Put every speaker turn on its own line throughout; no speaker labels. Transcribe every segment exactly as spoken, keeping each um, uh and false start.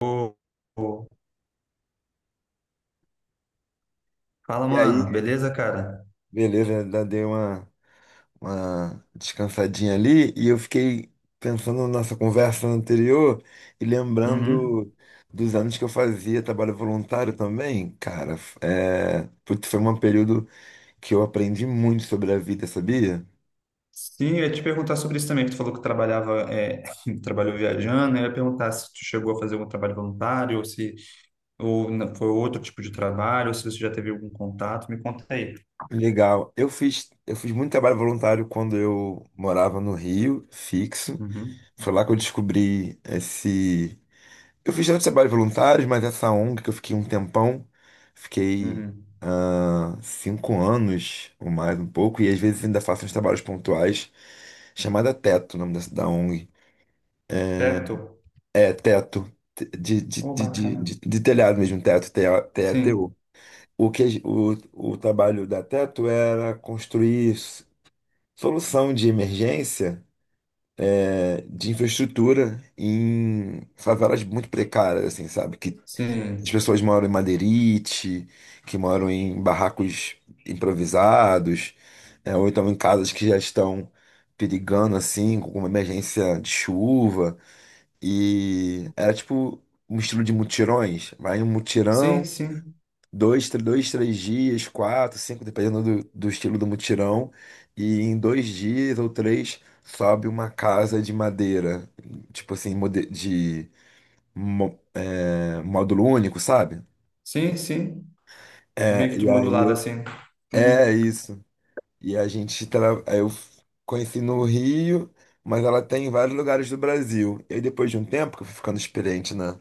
Ô, ô. Fala,
E
mano.
aí,
Beleza, cara?
beleza, eu ainda dei uma, uma descansadinha ali e eu fiquei pensando na nossa conversa anterior e
Uhum.
lembrando dos anos que eu fazia trabalho voluntário também. Cara, f- é, putz, foi um período que eu aprendi muito sobre a vida, sabia?
Sim, eu ia te perguntar sobre isso também, que tu falou que trabalhava, é, trabalhou viajando, eu ia perguntar se tu chegou a fazer algum trabalho voluntário, ou se ou na- foi outro tipo de trabalho, ou se você já teve algum contato, me conta aí.
Legal. Eu fiz, eu fiz muito trabalho voluntário quando eu morava no Rio, fixo.
Uhum.
Foi lá que eu descobri esse. Eu fiz tanto trabalho voluntário, mas essa ONG que eu fiquei um tempão, fiquei
Uhum.
ah, cinco anos ou mais um pouco, e às vezes ainda faço uns trabalhos pontuais, chamada Teto, o nome dessa da ONG.
Certo?
É Teto, te- de, de,
Ô,
de, de,
bacana.
de- de telhado mesmo, Teto,
Sim,
T E T O. O O que, a- o, o trabalho da Teto era construir s- solução de emergência, é, de infraestrutura em favelas muito precárias, assim, sabe? Que As
sim,
pessoas moram em madeirite, que moram em barracos improvisados, é, ou então em casas que já estão perigando, assim, com uma emergência de chuva. E era tipo um estilo de mutirões. Vai em um
sim,
mutirão,
sim,
dois, tr- dois, três dias, quatro, cinco, dependendo do, do estilo do mutirão. E em dois dias ou três sobe uma casa de madeira, tipo assim, mode- de mo- é, módulo único, sabe?
sim, sim. Meio
É,
que de
e aí
modulado
eu-
assim.
é
Uhum.
isso. E a gente tra... aí eu conheci no Rio, mas ela tem em vários lugares do Brasil. E aí depois de um tempo que eu fui ficando experiente na,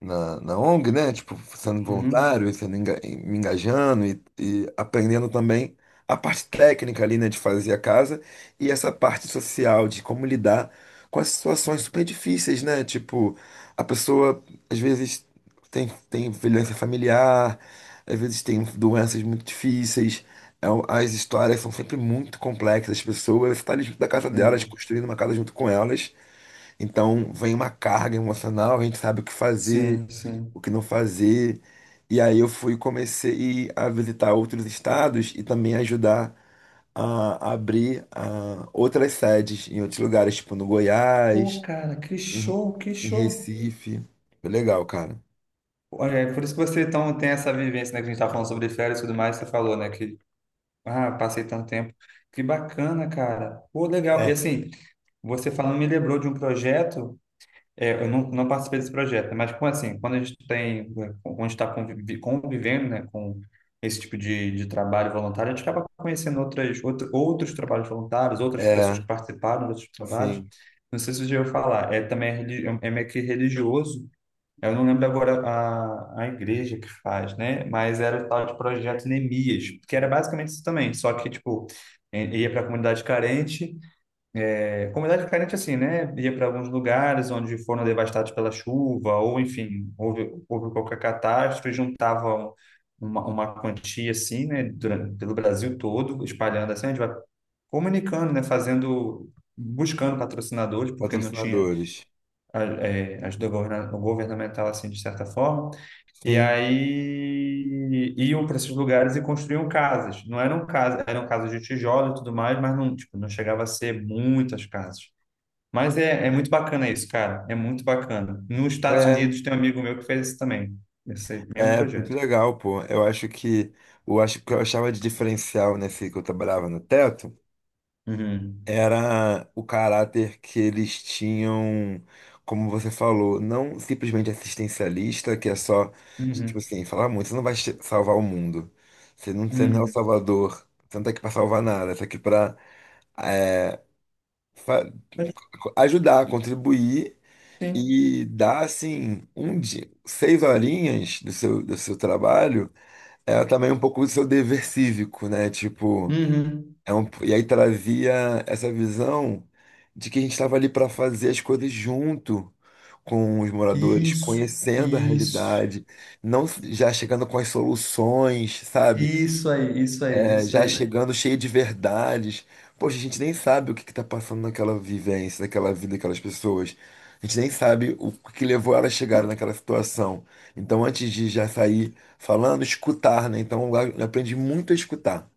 na ONG, né? Tipo, sendo
Uhum.
voluntário, e sendo enga- e me engajando e, e aprendendo também a parte técnica ali, né, de fazer a casa e essa parte social de como lidar com as situações super difíceis, né? Tipo, a pessoa às vezes tem, tem violência familiar, às vezes tem doenças muito difíceis. é um- As histórias são sempre muito complexas, as pessoas estão ali junto da casa delas,
Sim,
construindo uma casa junto com elas, então vem uma carga emocional, a gente sabe o que fazer,
sim, sim.
o que não fazer. E aí eu fui comecei a visitar outros estados e também ajudar a abrir ah, outras sedes em outros lugares, tipo no
Ô,
Goiás,
cara, que
em,
show, que
em
show.
Recife. Foi legal, cara.
Olha, é por isso que você então tem essa vivência, né, que a gente tá falando sobre férias e tudo mais, você falou, né, que, ah, passei tanto tempo. Que bacana, cara. Pô, legal. E
É.
assim, você falando me lembrou de um projeto, é, eu não, não participei desse projeto, né, mas como assim, quando a gente tem, quando a gente está convivendo, né, com esse tipo de, de trabalho voluntário, a gente acaba conhecendo outras, outro, outros trabalhos voluntários, outras pessoas
É,
que participaram de outros trabalhos.
sim,
Não sei se você já ouviu falar, é também é, religi- é meio que religioso, eu não lembro agora a, a igreja que faz, né? Mas era o tal de Projeto Neemias, que era basicamente isso também, só que, tipo, eh, ia para a comunidade carente, eh, comunidade carente assim, né? Ia para alguns lugares onde foram devastados pela chuva, ou enfim, houve, houve qualquer catástrofe, juntavam uma, uma quantia assim, né? Durante, pelo Brasil todo, espalhando assim, a gente vai comunicando, né? Fazendo, buscando patrocinadores, porque não tinha
patrocinadores.
a- eh, ajuda governa- governamental assim, de certa forma. E
Sim,
aí iam para esses lugares e construíam casas. Não eram casas, eram casas de tijolo e tudo mais, mas não, tipo, não chegava a ser muitas casas. Mas é, é muito bacana isso, cara. É muito bacana. Nos Estados
é,
Unidos tem um amigo meu que fez isso também. Esse mesmo
é muito
projeto.
legal, pô. Eu acho que eu acho que eu achava de diferencial nesse que eu trabalhava no Teto,
Uhum.
era o caráter que eles tinham, como você falou, não simplesmente assistencialista, que é só, tipo
Uhum.
assim, falar muito, você não vai che- salvar o mundo. Você não, você não é o
Uhum.
salvador, você não tá aqui para salvar nada, você tá aqui para
Mas,
ajudar, contribuir
Sim.
e dar, assim, um dia, seis horinhas do seu, do seu trabalho, é também um pouco do seu dever cívico, né? Tipo,
Uhum.
É um- e aí trazia essa visão de que a gente estava ali para fazer as coisas junto com os moradores,
Isso,
conhecendo a
isso,
realidade, não s- já chegando com as soluções, sabe?
isso aí, isso aí,
É,
isso
já
aí.
chegando cheio de verdades. Poxa, a gente nem sabe o que está passando naquela vivência, naquela vida daquelas pessoas. A gente nem sabe o que levou elas a chegarem naquela situação. Então, antes de já sair falando, escutar, né? Então, eu aprendi muito a escutar.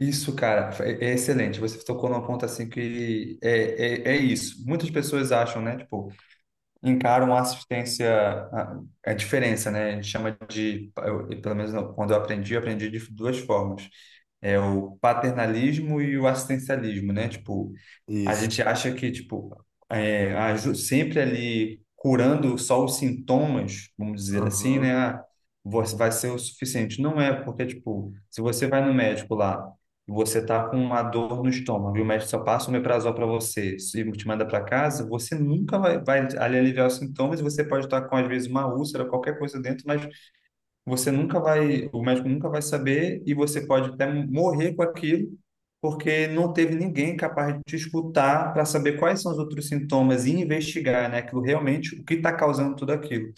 Isso, cara, é é excelente. Você tocou num ponto assim que é, é, é isso. Muitas pessoas acham, né? Tipo, encaram a assistência, a, a diferença, né? A gente chama de, eu- pelo menos quando eu aprendi, eu aprendi de duas formas. É o paternalismo e o assistencialismo, né? Tipo, a
Isso.
gente acha que, tipo, é, aju- sempre ali curando só os sintomas, vamos dizer assim, né? Ah, você vai ser o suficiente. Não é, porque, tipo, se você vai no médico lá e você tá com uma dor no estômago e o médico só passa um omeprazol para você e te manda para casa, você nunca vai, vai ali aliviar os sintomas e você pode estar com, às vezes, uma úlcera, qualquer coisa dentro, mas você nunca vai, o médico nunca vai saber e você pode até morrer com aquilo, porque não teve ninguém capaz de te escutar para saber quais são os outros sintomas e investigar, né, aquilo realmente, o que está causando tudo aquilo.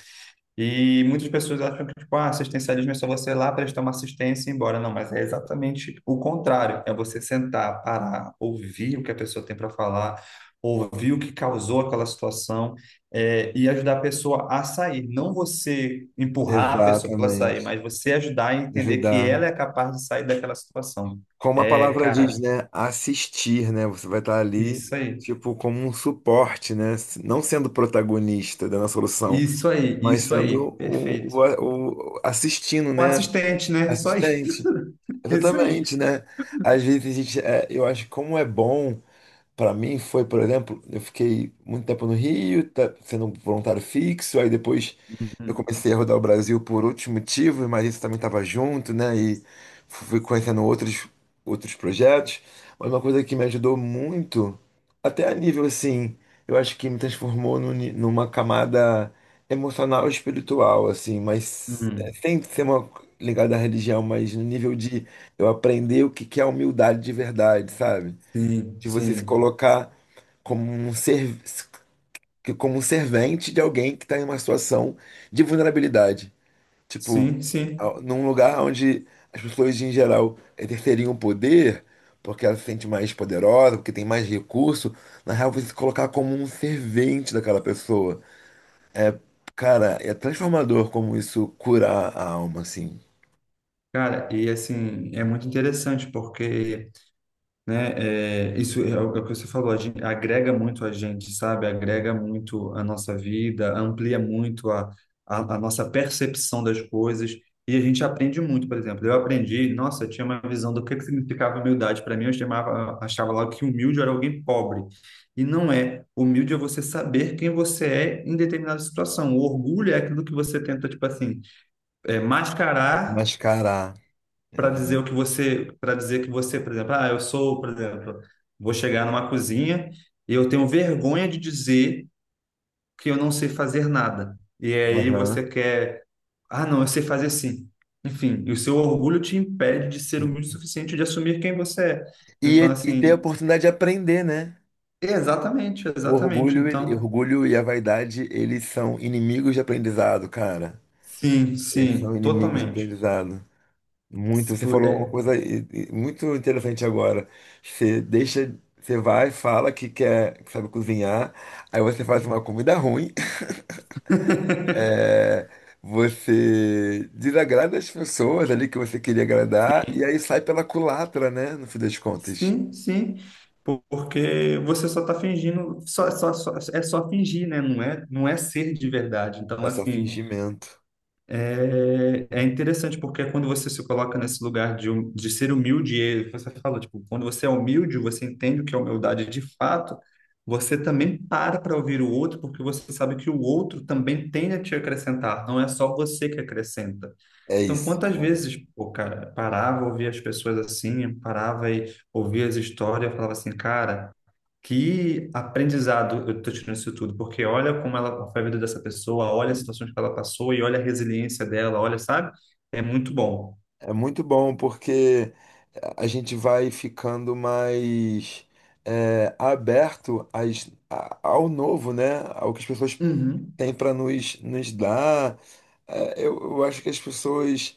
E muitas pessoas acham que, tipo, ah, assistencialismo é só você ir lá prestar uma assistência e ir embora. Não, mas é exatamente o contrário. É você sentar, parar, ouvir o que a pessoa tem para falar, ouvir o que causou aquela situação, é, e ajudar a pessoa a sair. Não você empurrar a pessoa para ela sair,
Exatamente.
mas você ajudar a entender que
Ajudar.
ela é capaz de sair daquela situação.
Como a
É,
palavra diz,
cara,
né? Assistir, né? Você vai estar ali,
isso aí.
tipo, como um suporte, né? Não sendo protagonista da solução,
Isso aí,
mas
isso
sendo
aí.
o,
Perfeito.
o, o- assistindo,
O
né?
assistente, né? Só isso.
Assistente.
Isso aí.
Exatamente, né? Às vezes a gente, é, eu acho que como é bom. Para mim foi, por exemplo, eu fiquei muito tempo no Rio, tá- sendo um voluntário fixo, aí depois eu
Uhum,
comecei a rodar o Brasil por outros motivos, mas isso também estava junto, né? E fui conhecendo outros, outros projetos. Mas uma coisa que me ajudou muito, até a nível assim, eu acho que me transformou num ni- numa camada emocional e espiritual, assim, mas é,
uhum.
sem ser uma ligada à religião, mas no nível de eu aprender o que que é humildade de verdade, sabe?
Sim,
De você se
sim,
colocar como um ser, como um servente de alguém que está em uma situação de vulnerabilidade. Tipo,
sim, sim.
a- num lugar onde as pessoas em geral exerceriam o poder, porque ela se sente mais poderosa, porque tem mais recurso, na real você se colocar como um servente daquela pessoa. É, cara, é transformador como isso curar a alma, assim.
Cara, e assim, é muito interessante porque, né, é, isso é o é o que você falou, a gente, agrega muito a gente, sabe? Agrega muito a nossa vida, amplia muito a, a, a nossa percepção das coisas e a gente aprende muito, por exemplo. Eu aprendi, nossa, eu tinha uma visão do que que significava humildade para mim, eu chamava, achava lá que humilde era alguém pobre. E não é. Humilde é você saber quem você é em determinada situação. O orgulho é aquilo que você tenta, tipo assim, é, mascarar
Mascarar.
para dizer
Exato.
o que você, para dizer que você, por exemplo, ah, eu sou, por exemplo, vou chegar numa cozinha e eu tenho vergonha de dizer que eu não sei fazer nada. E aí você
Aham.
quer, ah, não, eu sei fazer sim. Enfim, e o seu orgulho te impede de ser
Sim.
humilde o suficiente de assumir quem você é.
E,
Então,
e ter a
assim,
oportunidade de aprender, né?
exatamente,
O
exatamente.
orgulho, ele-
Então,
orgulho e a vaidade, eles são inimigos de aprendizado, cara.
sim,
Eles
sim,
são inimigos de
totalmente.
aprendizado. Muito,
Se
você
pu-
falou uma
É.
coisa e- e muito interessante agora. Você deixa, você vai, fala que quer, que sabe cozinhar, aí você faz uma comida ruim, é, você desagrada as pessoas ali que você queria agradar, e aí sai pela culatra, né? No fim das contas.
Sim, sim, porque você só está fingindo, só, só, só- é só fingir, né? Não é, não é ser de verdade. Então,
É só
assim,
fingimento.
é, é interessante, porque é quando você se coloca nesse lugar de, hum- de ser humilde, e você fala, tipo, quando você é humilde, você entende o que é humildade de fato, você também para para ouvir o outro, porque você sabe que o outro também tem a te acrescentar, não é só você que acrescenta.
É
Então,
isso,
quantas
cara.
vezes, pô, cara, parava, ouvia as pessoas assim, parava e ouvia as histórias, falava assim, cara, que aprendizado eu tô tirando isso tudo, porque olha como ela foi a vida dessa pessoa, olha as situações que ela passou e olha a resiliência dela, olha, sabe? É muito bom.
É muito bom porque a gente vai ficando mais é, aberto às- a- ao novo, né? Ao que as pessoas
Uhum.
têm para nos, nos dar. É, eu, eu acho que as pessoas,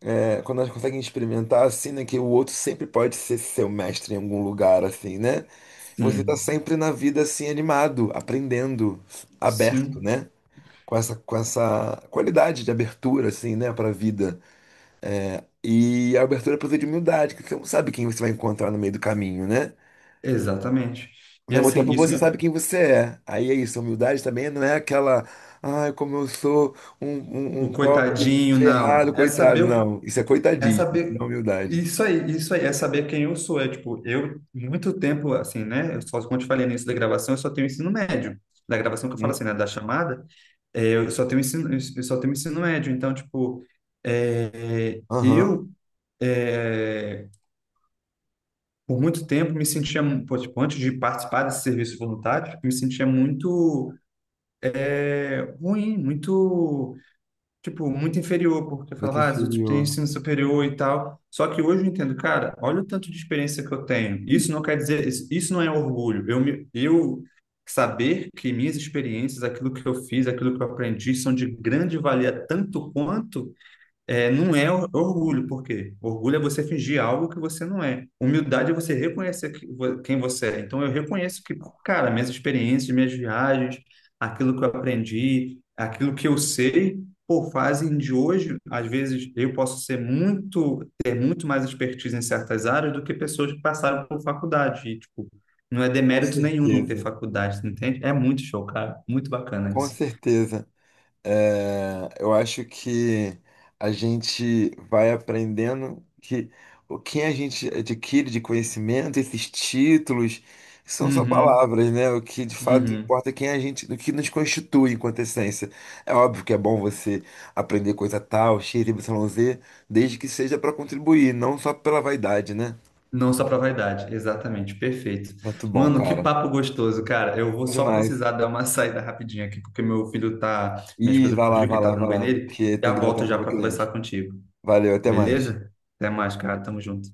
é, quando elas conseguem experimentar assim, né, que o outro sempre pode ser seu mestre em algum lugar, assim, né? Você tá
Sim,
sempre na vida assim, animado, aprendendo, aberto,
sim,
né? Com essa, com essa qualidade de abertura, assim, né, para a vida. É, e a abertura precisa de humildade, que você não sabe quem você vai encontrar no meio do caminho, né?
exatamente.
Ao
E
mesmo
assim,
tempo,
isso
você
me...
sabe quem você é. Aí é isso, a humildade também não é aquela, ai, como eu sou um, um,
o
um pobre,
coitadinho,
ferrado,
não. É saber
coitado.
o
Não, isso é
É
coitadismo, isso
saber.
não é humildade.
Isso aí, isso aí, é saber quem eu sou. É tipo, eu, muito tempo, assim, né? Eu só, como eu te falei no início da gravação, eu só tenho ensino médio. Da gravação que eu falo
Uhum.
assim, né? Da chamada, é, eu só tenho ensino, eu só tenho ensino médio. Então, tipo, é,
Aham,
eu, é, por muito tempo, me sentia, pô, tipo, antes de participar desse serviço voluntário, me sentia muito é, ruim, muito. Tipo, muito inferior, porque eu
muito
falava, ah, os outros têm
inferior.
ensino superior e tal. Só que hoje eu entendo, cara, olha o tanto de experiência que eu tenho. Isso não quer dizer, isso, isso não é orgulho. Eu, me- eu saber que minhas experiências, aquilo que eu fiz, aquilo que eu aprendi, são de grande valia tanto quanto é, não é or- orgulho, por quê? Orgulho é você fingir algo que você não é. Humildade é você reconhecer que vo- quem você é. Então, eu reconheço que, cara, minhas experiências, minhas viagens, aquilo que eu aprendi, aquilo que eu sei, por fazem de hoje, às vezes, eu posso ser muito, ter muito mais expertise em certas áreas do que pessoas que passaram por faculdade. E, tipo, não é
Com
demérito nenhum não ter
certeza,
faculdade, entende? É muito show, cara. Muito bacana
com
isso.
certeza. É, eu acho que a gente vai aprendendo que o que a gente adquire de conhecimento, esses títulos, são só
Uhum,
palavras, né? O que de fato
uhum.
importa é quem a gente, o que nos constitui enquanto essência. É óbvio que é bom você aprender coisa tal, X Y Z, desde que seja para contribuir, não só pela vaidade, né?
Não só para vaidade, exatamente, perfeito.
Muito bom,
Mano, que
cara.
papo gostoso, cara. Eu vou
Bom
só
demais.
precisar dar uma saída rapidinha aqui, porque meu filho tá, minha
Ih,
esposa
vai lá,
pediu que
vai
ele tá
lá,
dando
vai
banho
lá,
nele,
que
já
tem que dar
volto
tempo
já
pra
para
criança.
conversar contigo.
Valeu, até mais.
Beleza? Até mais, cara. Tamo junto.